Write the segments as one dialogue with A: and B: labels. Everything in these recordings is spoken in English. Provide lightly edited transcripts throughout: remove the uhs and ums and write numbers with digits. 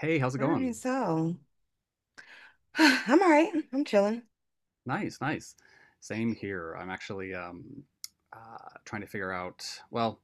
A: Hey, how's it
B: All
A: going?
B: right, so I'm all right. I'm chilling.
A: Nice, nice. Same here. I'm actually uh, trying to figure out. Well,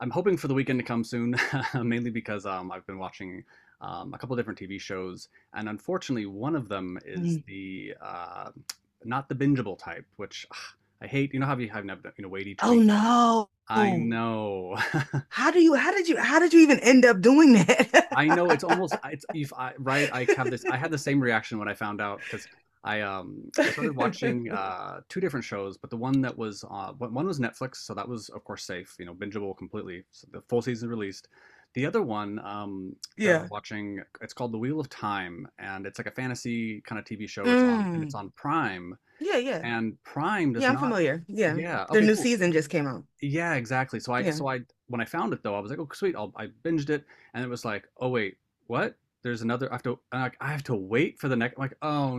A: I'm hoping for the weekend to come soon, mainly because I've been watching a couple different TV shows, and unfortunately, one of them is
B: Mm.
A: the not the bingeable type, which ugh, I hate. You know how you know wait each
B: Oh
A: week?
B: no.
A: I know.
B: How do you how did you how did you even end up doing
A: I
B: that?
A: know it's almost it's if I right I have this I had the same reaction when I found out because I started watching two different shows, but the one that was one one was Netflix, so that was of course safe, you know, bingeable completely, so the full season released. The other one, that I was
B: Yeah.
A: watching, it's called The Wheel of Time, and it's like a fantasy kind of TV show.
B: Mm.
A: It's on Prime,
B: Yeah, yeah.
A: and Prime does
B: Yeah, I'm
A: not,
B: familiar. Yeah.
A: yeah,
B: Their
A: okay,
B: new
A: cool,
B: season just came out.
A: yeah, exactly.
B: Yeah.
A: So I when I found it, though, I was like, oh sweet, I'll, I binged it, and it was like, oh wait, what? There's another. I have to wait for the next. Like, oh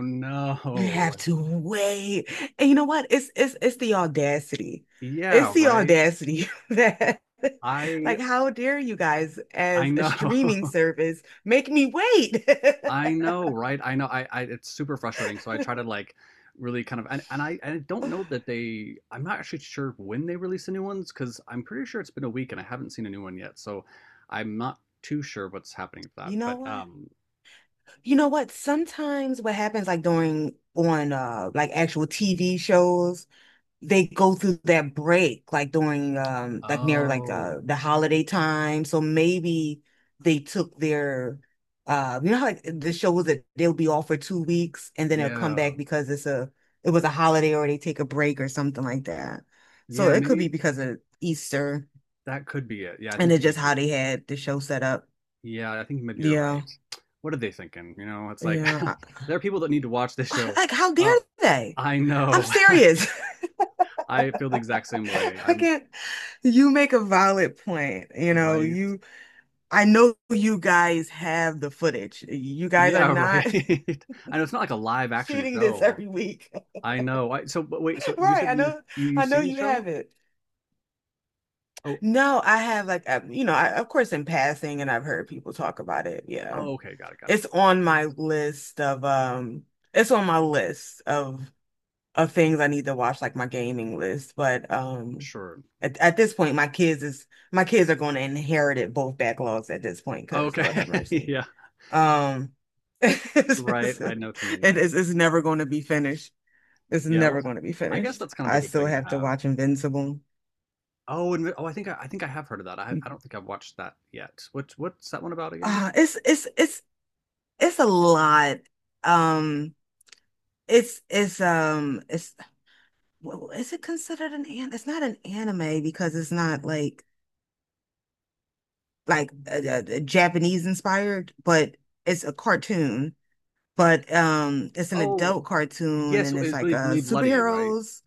B: You
A: no.
B: have
A: Like,
B: to wait. And you know what? It's the audacity.
A: yeah,
B: It's the
A: right.
B: audacity that
A: I
B: like how dare you guys
A: I
B: as a
A: know.
B: streaming service make me wait.
A: I know, right? I know. I, it's super frustrating. So I try to like really kind of and I don't know that they. I'm not actually sure when they release the new ones, because I'm pretty sure it's been a week and I haven't seen a new one yet. So I'm not too sure what's happening with that.
B: You know
A: But
B: what? You know what? Sometimes what happens like during on like actual TV shows, they go through that break like during like near like
A: Oh.
B: the holiday time. So maybe they took their you know how like the shows that they'll be off for 2 weeks and then they'll come
A: Yeah.
B: back because it was a holiday or they take a break or something like that. So
A: Yeah,
B: it could be
A: maybe
B: because of Easter
A: that could be it. Yeah, I
B: and
A: think
B: it's just
A: maybe you're
B: how they had the show set up.
A: Yeah, I think maybe you're
B: Yeah.
A: right. What are they thinking? You know, it's like
B: Yeah.
A: there are people that need to watch this show.
B: Like, how dare
A: Uh,
B: they?
A: I
B: I'm
A: know.
B: serious.
A: I feel the exact same way.
B: I
A: I'm
B: can't. You make a valid point. You know,
A: right.
B: you, I know you guys have the footage. You guys are
A: Yeah, right.
B: not
A: I know it's not like a live action
B: shooting this
A: show.
B: every week.
A: I know. I, so, but wait, so you
B: Right.
A: said
B: I
A: you've
B: know
A: seen the
B: you
A: show?
B: have it.
A: Oh,
B: No, I have like, you know, I, of course, in passing, and I've heard people talk about it. Yeah.
A: oh, okay, got it, got it.
B: It's on my list of, it's on my list of things I need to watch, like my gaming list. But
A: Sure.
B: at this point, my kids are going to inherit it both backlogs at this point because
A: Okay.
B: Lord have mercy.
A: Yeah,
B: Um,
A: right. I know what you mean.
B: it's never going to be finished. It's
A: Yeah, well,
B: never going to be
A: I guess
B: finished.
A: that's kind of
B: I
A: a good
B: still
A: thing to
B: have to
A: have.
B: watch Invincible.
A: Oh, and oh, I think I have heard of that. I don't think I've watched that yet. What's that one about again?
B: Uh, it's it's it's it's a lot. Um, it's well, is it considered an? It's not an anime because it's not like like a Japanese inspired, but it's a cartoon. But it's an
A: Oh,
B: adult cartoon,
A: yes,
B: and it's
A: it's really
B: like
A: really bloody, right?
B: superheroes.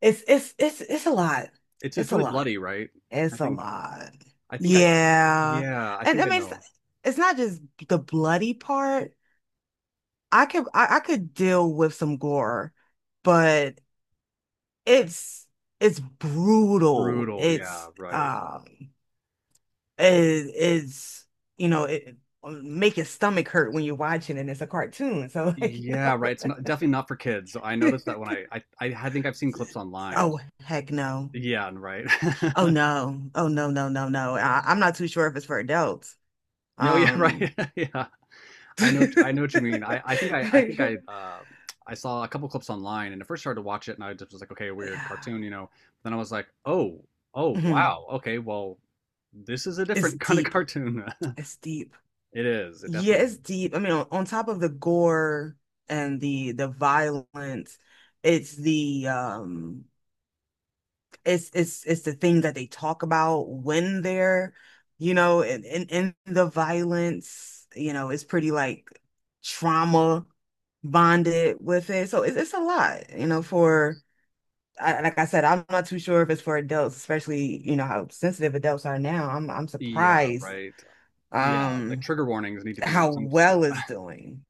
B: It's it's a lot.
A: It's
B: It's a
A: really
B: lot.
A: bloody, right? I
B: It's a
A: think
B: lot.
A: I think I
B: Yeah,
A: yeah, I
B: and I
A: think I
B: mean
A: know.
B: it's not just the bloody part. I could deal with some gore, but it's it's brutal.
A: Brutal, yeah, right.
B: It, it's you know it make your stomach hurt when you're watching and it's a cartoon. So like you
A: Yeah, right. It's not definitely not for kids. I
B: know.
A: noticed that when I think I've seen clips online.
B: Oh heck no.
A: Yeah, and right.
B: Oh no. Oh no no no no. I'm not too sure if it's for adults.
A: No, yeah,
B: Um
A: right. Yeah. I know what
B: yeah.
A: you mean. I saw a couple clips online, and at first started to watch it, and I just was like, okay, weird cartoon, you know. Then I was like, oh, oh,
B: Mhm.
A: wow, okay, well, this is a
B: It's
A: different kind of
B: deep.
A: cartoon.
B: It's deep.
A: It is. It
B: Yeah,
A: definitely
B: it's
A: is.
B: deep. I mean, on top of the gore and the violence, it's the um it's the thing that they talk about when they're, you know, in the violence, you know, it's pretty like trauma bonded with it. So it's a lot, you know, for like I said, I'm not too sure if it's for adults, especially, you know, how sensitive adults are now. I'm
A: Yeah,
B: surprised
A: right. Yeah, the
B: um
A: trigger warnings need to be
B: how
A: some.
B: well it's doing.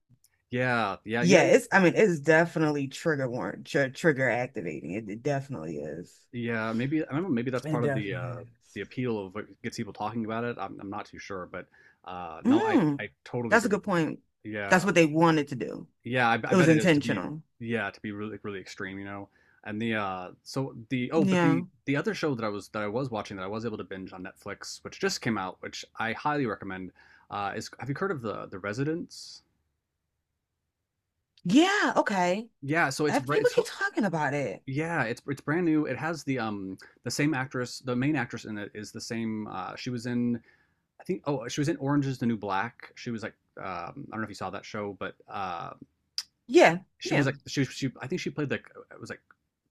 A: Yeah, yeah, yeah,
B: Yeah,
A: yeah.
B: it's I
A: it-
B: mean, it's definitely trigger warrant, tr trigger activating. It definitely is.
A: yeah, maybe I don't know. Maybe that's
B: It
A: part of
B: definitely is.
A: the appeal of what gets people talking about it. I'm not too sure, but no, I
B: Mm,
A: I totally
B: that's a
A: agree
B: good
A: with
B: point.
A: you.
B: That's
A: Yeah.
B: what they wanted to do.
A: Yeah, I
B: It was
A: bet it is to be
B: intentional.
A: yeah, to be really really extreme, you know. And the so the oh, but
B: Yeah.
A: the other show that I was watching, that I was able to binge on Netflix, which just came out, which I highly recommend, is, have you heard of The Residents?
B: Yeah, okay.
A: Yeah, so
B: If people
A: it's
B: keep talking about it.
A: yeah, it's brand new. It has the same actress. The main actress in it is the same, she was in, I think, oh, she was in Orange is the New Black. She was like, I don't know if you saw that show, but
B: Yeah,
A: she was
B: yeah.
A: like, she I think she played like, it was like,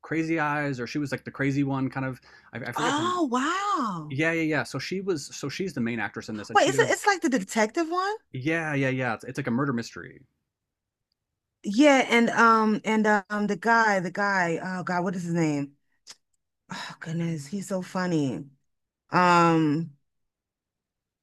A: Crazy Eyes, or she was like the crazy one kind of. I forget her name.
B: Oh, wow.
A: Yeah, yeah, yeah. So she was, so she's the main actress in this, and
B: Wait,
A: she
B: is it
A: does
B: it's like the detective one?
A: yeah, yeah, yeah. It's like a murder mystery.
B: Yeah, and the guy, oh God, what is his name? Oh goodness, he's so funny. Um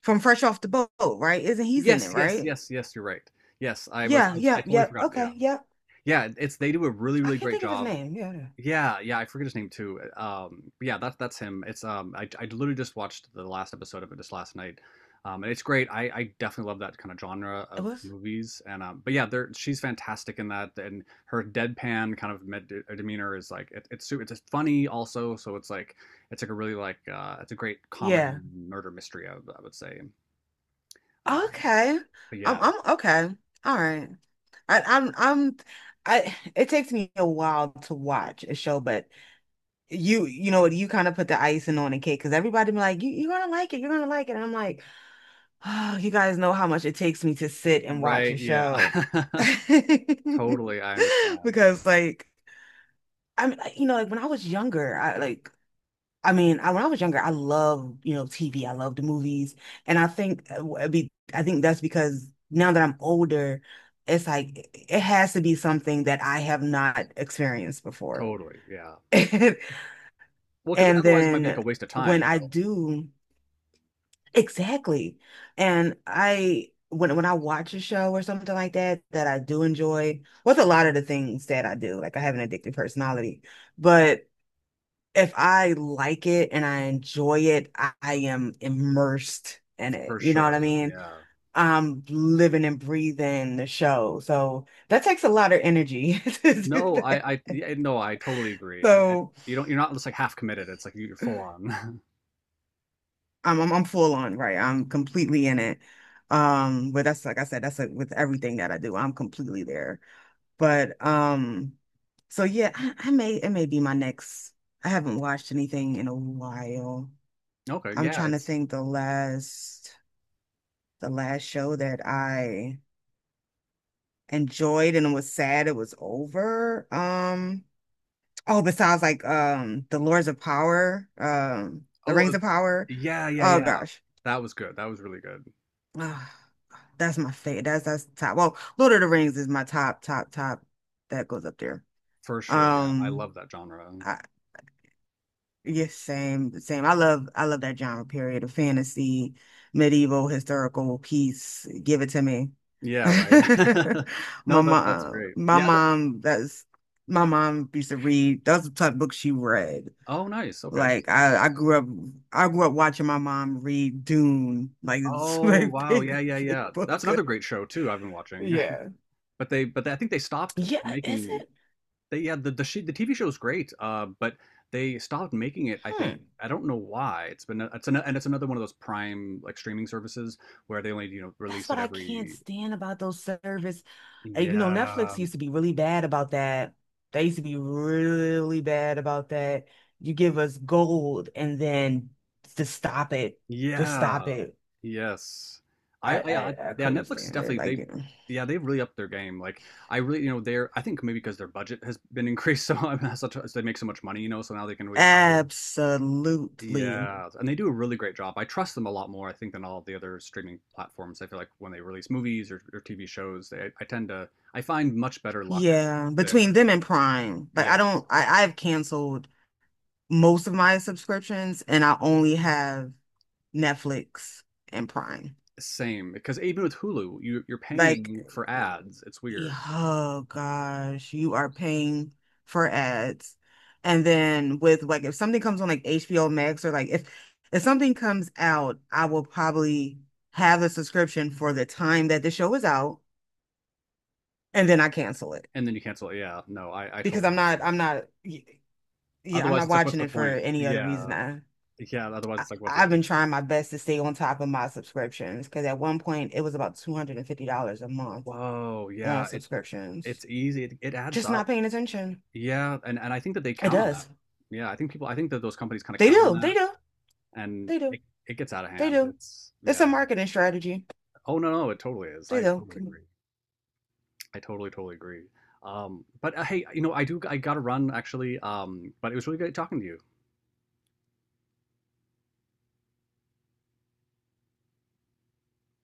B: from Fresh Off the Boat, right? Isn't he's in it,
A: Yes, yes,
B: right?
A: yes, yes, you're right. Yes,
B: Yeah,
A: I
B: yeah,
A: totally
B: yeah.
A: forgot. Yeah.
B: Okay, yeah.
A: Yeah, it's they do a really
B: I
A: really
B: can't
A: great
B: think of his
A: job.
B: name. Yeah, yeah.
A: Yeah, yeah, I forget his name too. But yeah, that's him. It's I literally just watched the last episode of it just last night, and it's great. I definitely love that kind of genre
B: It
A: of
B: was.
A: movies, and but yeah, there, she's fantastic in that, and her deadpan kind of demeanor is like, it's just funny also. So it's like a really like it's a great
B: Yeah.
A: comedy murder mystery. I would say. Um,
B: Okay.
A: but
B: I'm
A: yeah,
B: I'm okay. All right. I'm I it takes me a while to watch a show, but you know what you kind of put the icing on the cake because everybody be like, you're gonna like it, you're gonna like it. And I'm like, oh, you guys know how much it takes me to sit and watch a
A: right, yeah,
B: show.
A: totally. I understand. Right,
B: Because like I'm you know, like when I was younger, I like when I was younger, I loved, you know, TV. I loved the movies. And I think I think that's because now that I'm older, it's like it has to be something that I have not experienced before.
A: totally. Yeah. Well, because
B: And
A: otherwise it might be like
B: then
A: a waste of time,
B: when
A: you
B: I
A: know.
B: do, exactly. And I when I watch a show or something like that that I do enjoy, with a lot of the things that I do, like I have an addictive personality. But if I like it and I enjoy it, I am immersed in it.
A: For
B: You know what I
A: sure,
B: mean?
A: yeah.
B: I'm living and breathing the show. So that takes a lot of energy to do
A: No,
B: that.
A: I yeah, no, I totally agree, and
B: So
A: you don't, you're not just like half committed, it's like you, you're full on.
B: I'm full on, right? I'm completely in it. But that's like I said, that's like with everything that I do, I'm completely there. But so yeah, I may it may be my next. I haven't watched anything in a while.
A: Okay,
B: I'm
A: yeah,
B: trying to
A: it's
B: think the last. The last show that I enjoyed and was sad it was over. Oh, besides like The Lords of Power, The
A: oh,
B: Rings of Power.
A: yeah, yeah,
B: Oh
A: yeah.
B: gosh.
A: That was good, that was really good.
B: Ah, that's my favorite. That's top. Well, Lord of the Rings is my top, top, top. That goes up there.
A: For sure, yeah, I
B: Um,
A: love that genre.
B: I, Yes, same, same. I love that genre period of fantasy, medieval, historical piece. Give it to me.
A: Yeah, right. No,
B: My
A: that that's great.
B: my
A: Yeah, the
B: mom, that's my mom used to read. That's the type of book she read.
A: oh, nice, okay.
B: Like I grew up watching my mom read Dune. Like it's a
A: Oh,
B: very
A: wow, yeah,
B: big,
A: yeah,
B: big
A: yeah. That's
B: book.
A: another great show too I've been watching.
B: Yeah.
A: But they, I think they stopped
B: Yeah, is
A: making.
B: it?
A: They yeah, the TV show's great, but they stopped making it, I think.
B: Hmm.
A: I don't know why. It's been it's an, and it's another one of those Prime like streaming services, where they only, you know,
B: That's
A: release
B: what
A: it
B: I can't
A: every
B: stand about those service. Uh, you know,
A: yeah.
B: Netflix used to be really bad about that. They used to be really bad about that. You give us gold and then just stop it. Just stop
A: Yeah.
B: it.
A: Yes. I, I, I
B: I
A: yeah,
B: couldn't
A: Netflix is
B: stand it.
A: definitely
B: Like,
A: they
B: you know.
A: yeah, they've really upped their game. Like I really, you know, they're I think maybe because their budget has been increased so, I mean, such, so they make so much money, you know, so now they can really hire.
B: Absolutely.
A: Yeah, and they do a really great job. I trust them a lot more, I think, than all the other streaming platforms. I feel like when they release movies or TV shows, they, I tend to, I find much better luck
B: Yeah. Between
A: there.
B: them and Prime. Like I
A: Yes,
B: don't I, I've canceled most of my subscriptions and I only have Netflix and Prime.
A: same. Because even with Hulu, you, you're
B: Like
A: paying for ads. It's
B: yeah,
A: weird,
B: oh gosh, you are paying for ads. And then with like if something comes on like HBO Max or like if something comes out, I will probably have a subscription for the time that the show is out and then I cancel it
A: and then you cancel it. Yeah, no, I
B: because
A: totally.
B: I'm not y- yeah, I'm
A: Otherwise,
B: not
A: it's like, what's
B: watching
A: the
B: it for
A: point?
B: any other reason.
A: Yeah, yeah. Otherwise,
B: I
A: it's like, what's the
B: I've
A: average?
B: been trying my best to stay on top of my subscriptions because at one point it was about $250 a month
A: Whoa,
B: on
A: yeah. It
B: subscriptions.
A: it's easy. It adds
B: Just not
A: up.
B: paying attention.
A: Yeah, and I think that they
B: It
A: count on that.
B: does.
A: Yeah, I think people. I think that those companies kind of
B: They
A: count on
B: do. They
A: that.
B: do.
A: and
B: They
A: it,
B: do.
A: it gets out of
B: They
A: hand.
B: do.
A: It's
B: It's
A: yeah.
B: a marketing strategy.
A: Oh no, no, it totally is.
B: They
A: I
B: do.
A: totally agree. I totally totally agree. But Hey, you know, I do. I got to run actually. But it was really great talking to you.